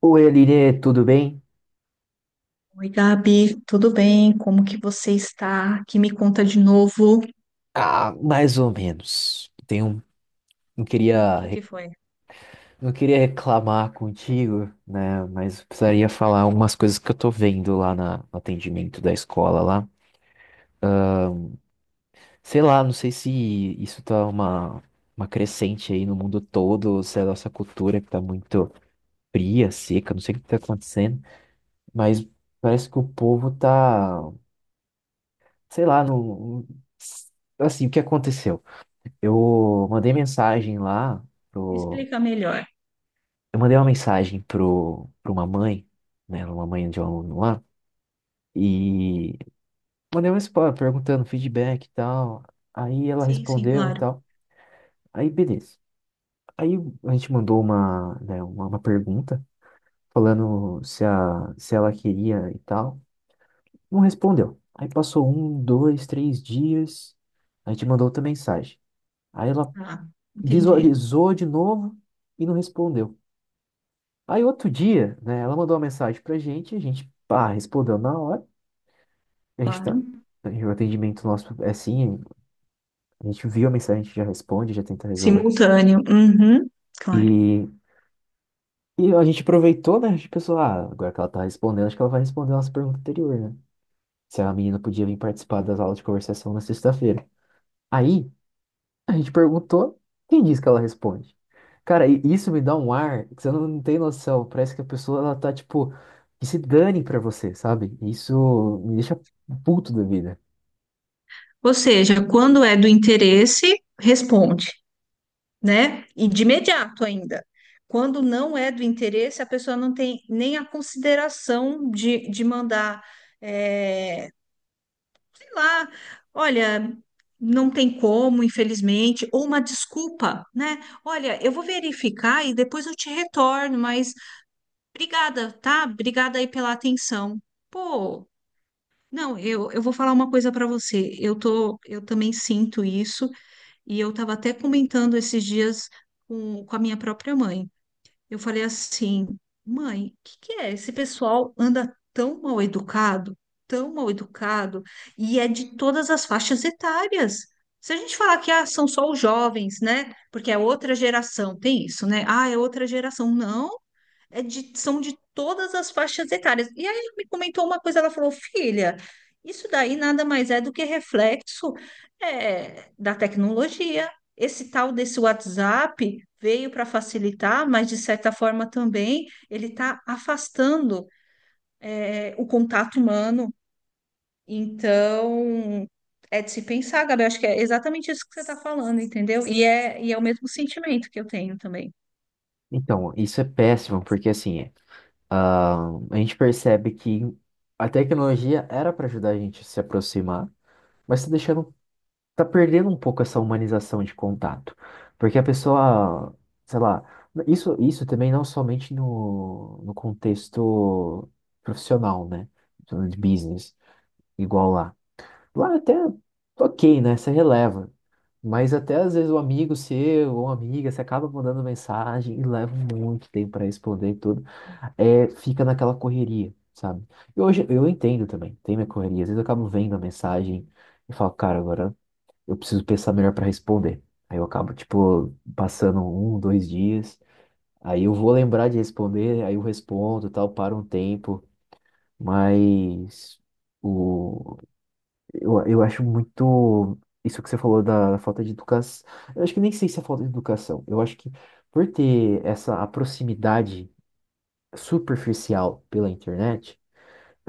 Oi, Aline, tudo bem? Oi, Gabi, tudo bem? Como que você está? Que me conta de novo. Ah, mais ou menos. Tenho, não O queria, que que re- foi? não queria reclamar contigo, né? Mas precisaria falar umas coisas que eu tô vendo lá no atendimento da escola lá. Sei lá, não sei se isso tá uma crescente aí no mundo todo, ou se é a nossa cultura que tá muito fria, seca, não sei o que tá acontecendo, mas parece que o povo tá, sei lá, assim, o que aconteceu? Eu mandei mensagem lá. Me explica melhor. Eu mandei uma mensagem pra uma mãe, né? Uma mãe de um aluno lá, e mandei uma resposta perguntando feedback e tal. Aí ela Sim, sim, respondeu e claro. tal. Aí beleza. Aí a gente mandou uma, né, uma pergunta falando se ela queria e tal. Não respondeu. Aí passou um, dois, três dias. A gente mandou outra mensagem. Aí ela Ah, entendi. visualizou de novo e não respondeu. Aí outro dia, né, ela mandou uma mensagem pra gente, a gente, pá, respondeu na hora. A gente tá, Claro. o atendimento nosso é assim, a gente viu a mensagem, a gente já responde, já tenta resolver. Simultâneo. Uhum, claro. E, e a gente aproveitou, né? A gente pensou, ah, agora que ela tá respondendo, acho que ela vai responder a nossa pergunta anterior, né? Se a menina podia vir participar das aulas de conversação na sexta-feira. Aí, a gente perguntou, quem disse que ela responde? Cara, e isso me dá um ar que você não tem noção. Parece que a pessoa, ela tá, tipo, que se dane pra você, sabe? Isso me deixa puto da vida. Ou seja, quando é do interesse, responde, né? E de imediato ainda. Quando não é do interesse, a pessoa não tem nem a consideração de mandar. eh, lá, olha, não tem como, infelizmente, ou uma desculpa, né? Olha, eu vou verificar e depois eu te retorno, mas obrigada, tá? Obrigada aí pela atenção. Pô, não, eu vou falar uma coisa para você. Eu tô, eu também sinto isso e eu estava até comentando esses dias com a minha própria mãe. Eu falei assim, mãe, o que que é? Esse pessoal anda tão mal educado, e é de todas as faixas etárias. Se a gente falar que ah, são só os jovens, né? Porque é outra geração, tem isso, né? Ah, é outra geração. Não, são de todas as faixas etárias. E aí ela me comentou uma coisa, ela falou, filha, isso daí nada mais é do que reflexo da tecnologia. Esse tal desse WhatsApp veio para facilitar, mas de certa forma também ele está afastando o contato humano. Então, é de se pensar, Gabi, acho que é exatamente isso que você está falando, entendeu? E é o mesmo sentimento que eu tenho também, Então, isso é péssimo, porque assim, ah, a gente percebe que a tecnologia era para ajudar a gente a se aproximar, mas está deixando, tá perdendo um pouco essa humanização de contato, porque a pessoa, sei lá, isso também não somente no contexto profissional, né, de business, igual lá. Lá é até ok, né, você releva, mas até às vezes o amigo seu ou amiga, você acaba mandando mensagem e leva muito tempo para responder e tudo é, fica naquela correria, sabe? E hoje eu entendo também, tem minha correria. Às vezes eu acabo vendo a mensagem e falo, cara, agora eu preciso pensar melhor para responder. Aí eu acabo, tipo, passando um, dois dias, aí eu vou lembrar de responder, aí eu respondo, e tal, para um tempo, mas o, eu acho muito. Isso que você falou da falta de educação. Eu acho que nem sei se é falta de educação. Eu acho que por ter essa a proximidade superficial pela internet,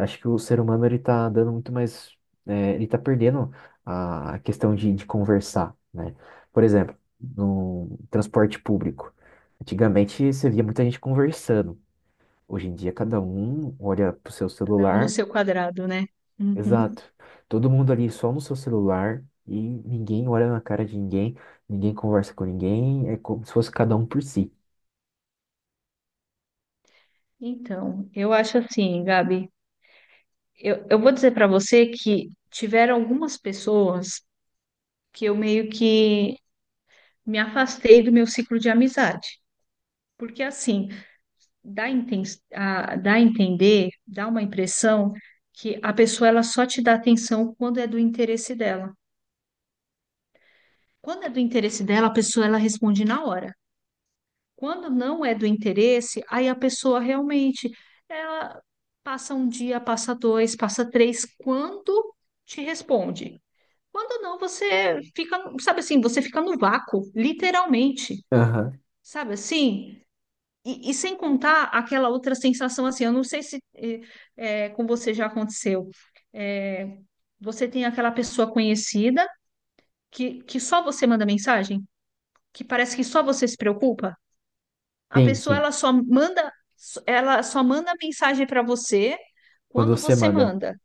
acho que o ser humano ele tá dando muito mais, é, ele tá perdendo a questão de conversar, né? Por exemplo, no transporte público. Antigamente você via muita gente conversando. Hoje em dia cada um olha pro seu cada um no celular. seu quadrado, né? Uhum. Exato. Todo mundo ali só no seu celular e ninguém olha na cara de ninguém, ninguém conversa com ninguém, é como se fosse cada um por si. Então, eu acho assim, Gabi, eu vou dizer para você que tiveram algumas pessoas que eu meio que me afastei do meu ciclo de amizade, porque assim, dá a, inten- dá a entender, dá uma impressão que a pessoa ela só te dá atenção quando é do interesse dela. Quando é do interesse dela, a pessoa ela responde na hora. Quando não é do interesse, aí a pessoa realmente ela passa um dia, passa dois, passa três, quando te responde. Quando não, você fica, sabe assim, você fica no vácuo, literalmente, Aham. sabe assim? E sem contar aquela outra sensação assim, eu não sei se com você já aconteceu. Eh, Você tem aquela pessoa conhecida que só você manda mensagem, que parece que só você se preocupa. A Sim, pessoa sim. Ela só manda mensagem para você Quando quando você você manda. manda.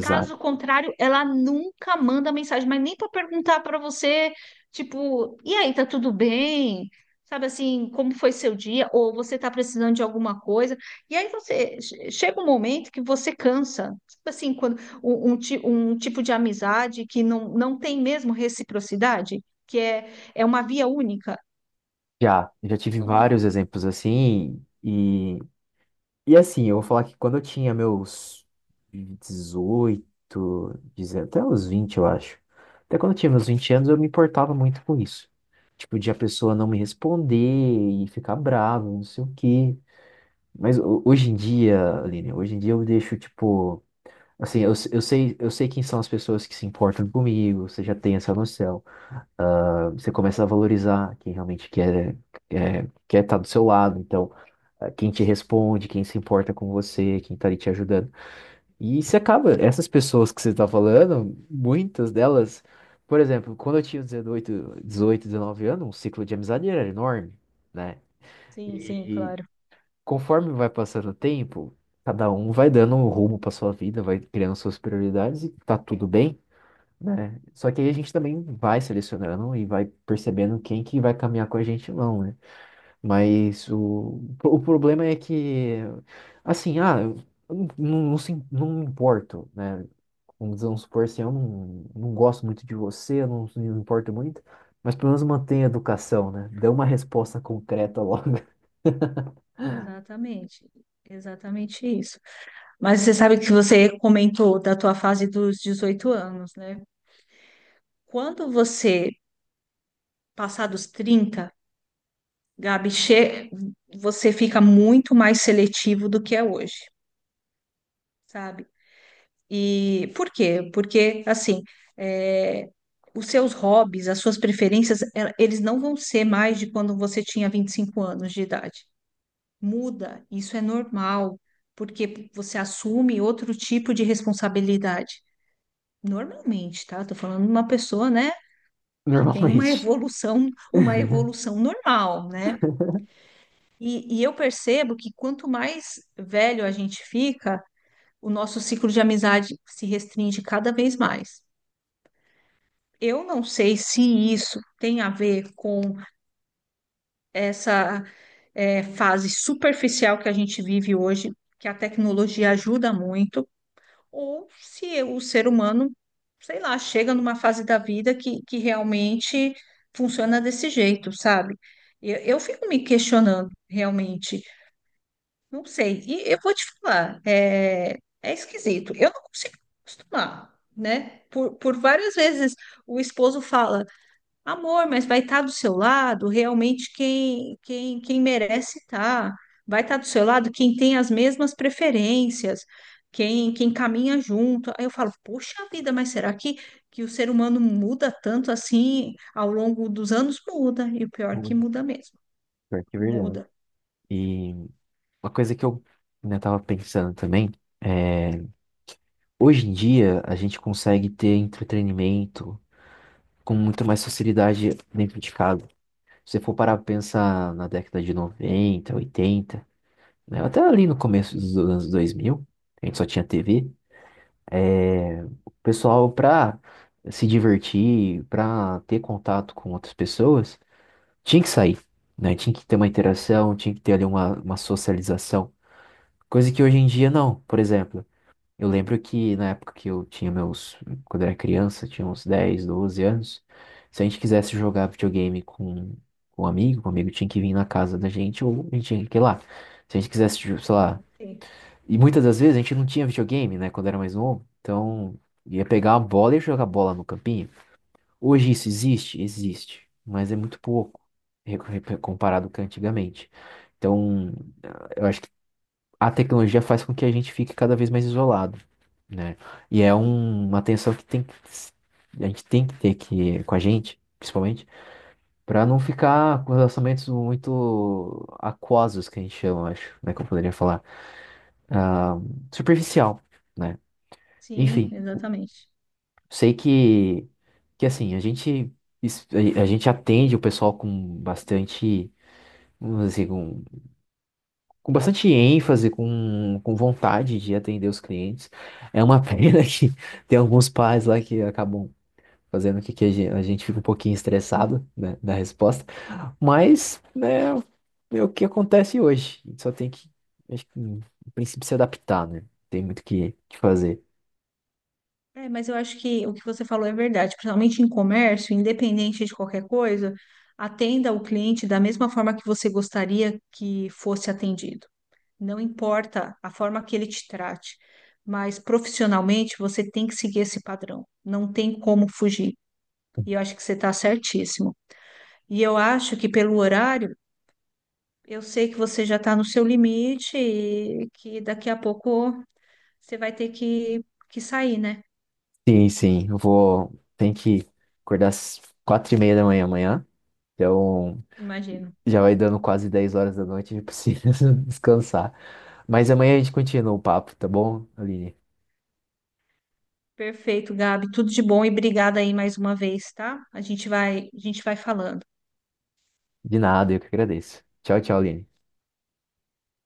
Caso contrário, ela nunca manda mensagem, mas nem para perguntar para você, tipo, e aí, tá tudo bem? Sabe assim, como foi seu dia? Ou você tá precisando de alguma coisa? E aí chega um momento que você cansa. Sabe assim, quando um tipo de amizade que não tem mesmo reciprocidade, é uma via única. Já, já tive Não- vários exemplos assim, e assim, eu vou falar que quando eu tinha meus 18 19, até os 20 eu acho. Até quando eu tinha meus 20 anos, eu me importava muito com isso. Tipo, de a pessoa não me responder e ficar brava, não sei o quê. Mas hoje em dia, Aline, hoje em dia eu deixo, tipo. Assim, eu sei quem são as pessoas que se importam comigo, você já tem essa noção. Ah, você começa a valorizar quem realmente quer, quer estar do seu lado. Então ah, quem te responde, quem se importa com você, quem tá ali te ajudando. E você acaba, essas pessoas que você tá falando, muitas delas, por exemplo, quando eu tinha 18, 18, 19 anos, o ciclo de amizade era enorme, né? Sim, sim, E claro. conforme vai passando o tempo, cada um vai dando um rumo pra sua vida, vai criando suas prioridades e tá tudo bem. Né? Só que aí a gente também vai selecionando e vai percebendo quem que vai caminhar com a gente ou não, né? Mas o problema é que, assim, ah, eu não me importo, né? Vamos dizer, vamos supor assim, eu não gosto muito de você, eu não me importo muito, mas pelo menos mantenha a educação, né? Dê uma resposta concreta logo, Exatamente, exatamente isso. Mas você sabe que você comentou da tua fase dos 18 anos, né? Quando você passar dos 30, Gabi, você fica muito mais seletivo do que é hoje, sabe? E por quê? Porque, assim, é, os seus hobbies, as suas preferências, eles não vão ser mais de quando você tinha 25 anos de idade. Muda, isso é normal, porque você assume outro tipo de responsabilidade. Normalmente, tá? Tô falando de uma pessoa, né, que tem uma normalmente. evolução, uma evolução normal, né? E eu percebo que quanto mais velho a gente fica, o nosso ciclo de amizade se restringe cada vez mais. Eu não sei se isso tem a ver com essa fase superficial que a gente vive hoje, que a tecnologia ajuda muito, ou se o ser humano, sei lá, chega numa fase da vida que realmente funciona desse jeito, sabe? Eu fico me questionando, realmente. Não sei. E eu vou te falar, é esquisito. Eu não consigo me acostumar, né? Por várias vezes o esposo fala. Amor, mas vai estar do seu lado realmente quem merece estar. Vai estar do seu lado quem tem as mesmas preferências, quem caminha junto. Aí eu falo, poxa vida, que o ser humano muda tanto assim ao longo dos anos? Muda, e o pior é que Muito, muda mesmo. pior que é verdade. Muda. E uma coisa que eu, né, tava pensando também é, hoje em dia a gente consegue ter entretenimento com muito mais facilidade dentro de casa. Se você for parar pra pensar na década de 90, 80, né, até ali no começo dos anos 2000, a gente só tinha TV, é, o pessoal, pra se divertir, pra ter contato com outras pessoas, tinha que sair, né? Tinha que ter uma interação, tinha que ter ali uma, socialização. Coisa que hoje em dia não. Por exemplo, eu lembro que na época que eu tinha meus. Quando eu era criança, tinha uns 10, 12 anos. Se a gente quisesse jogar videogame com um amigo, o amigo tinha que vir na casa da gente ou a gente tinha que ir lá. Se a gente quisesse, tipo, sei lá. Sim, E muitas das vezes a gente não tinha videogame, né, quando era mais novo. Então ia pegar a bola e jogar bola no campinho. Hoje isso existe? Existe. Mas é muito pouco comparado com antigamente. Então a tecnologia faz com que a gente fique cada vez mais isolado, né? E é uma tensão que tem que, a gente tem que ter que, com a gente, principalmente, para não ficar com relacionamentos muito aquosos, que a gente chama, acho, né? Que eu poderia falar. Ah, superficial, né? sim, Enfim, exatamente. sei que assim, a gente, es- a gente atende o pessoal com bastante, vamos dizer, assim, com bastante ênfase, com vontade de atender os clientes. É uma pena que tem alguns pais lá que acabam fazendo com que a gente fique um pouquinho estressado, né, da resposta. Mas, né, é o que acontece hoje. A gente só tem que, acho que, no princípio, se adaptar, né? Tem muito o que que fazer. É, mas eu acho que o que você falou é verdade, principalmente em comércio, independente de qualquer coisa, atenda o cliente da mesma forma que você gostaria que fosse atendido. Não importa a forma que ele te trate, mas profissionalmente você tem que seguir esse padrão. Não tem como fugir. E eu acho que você está certíssimo. E eu acho que pelo horário, eu sei que você já está no seu limite e que daqui a pouco você vai ter que sair, né? Sim, sim, eu vou. Tem que acordar às 4:30 da manhã amanhã. Então, Imagino. já vai dando quase 10 horas da noite, eu preciso descansar. Mas amanhã a gente continua o papo, tá bom, Aline? Perfeito, Gabi. Tudo de bom e obrigada aí mais uma vez, tá? A gente vai falando. De nada, eu que agradeço. Tchau, tchau, Aline.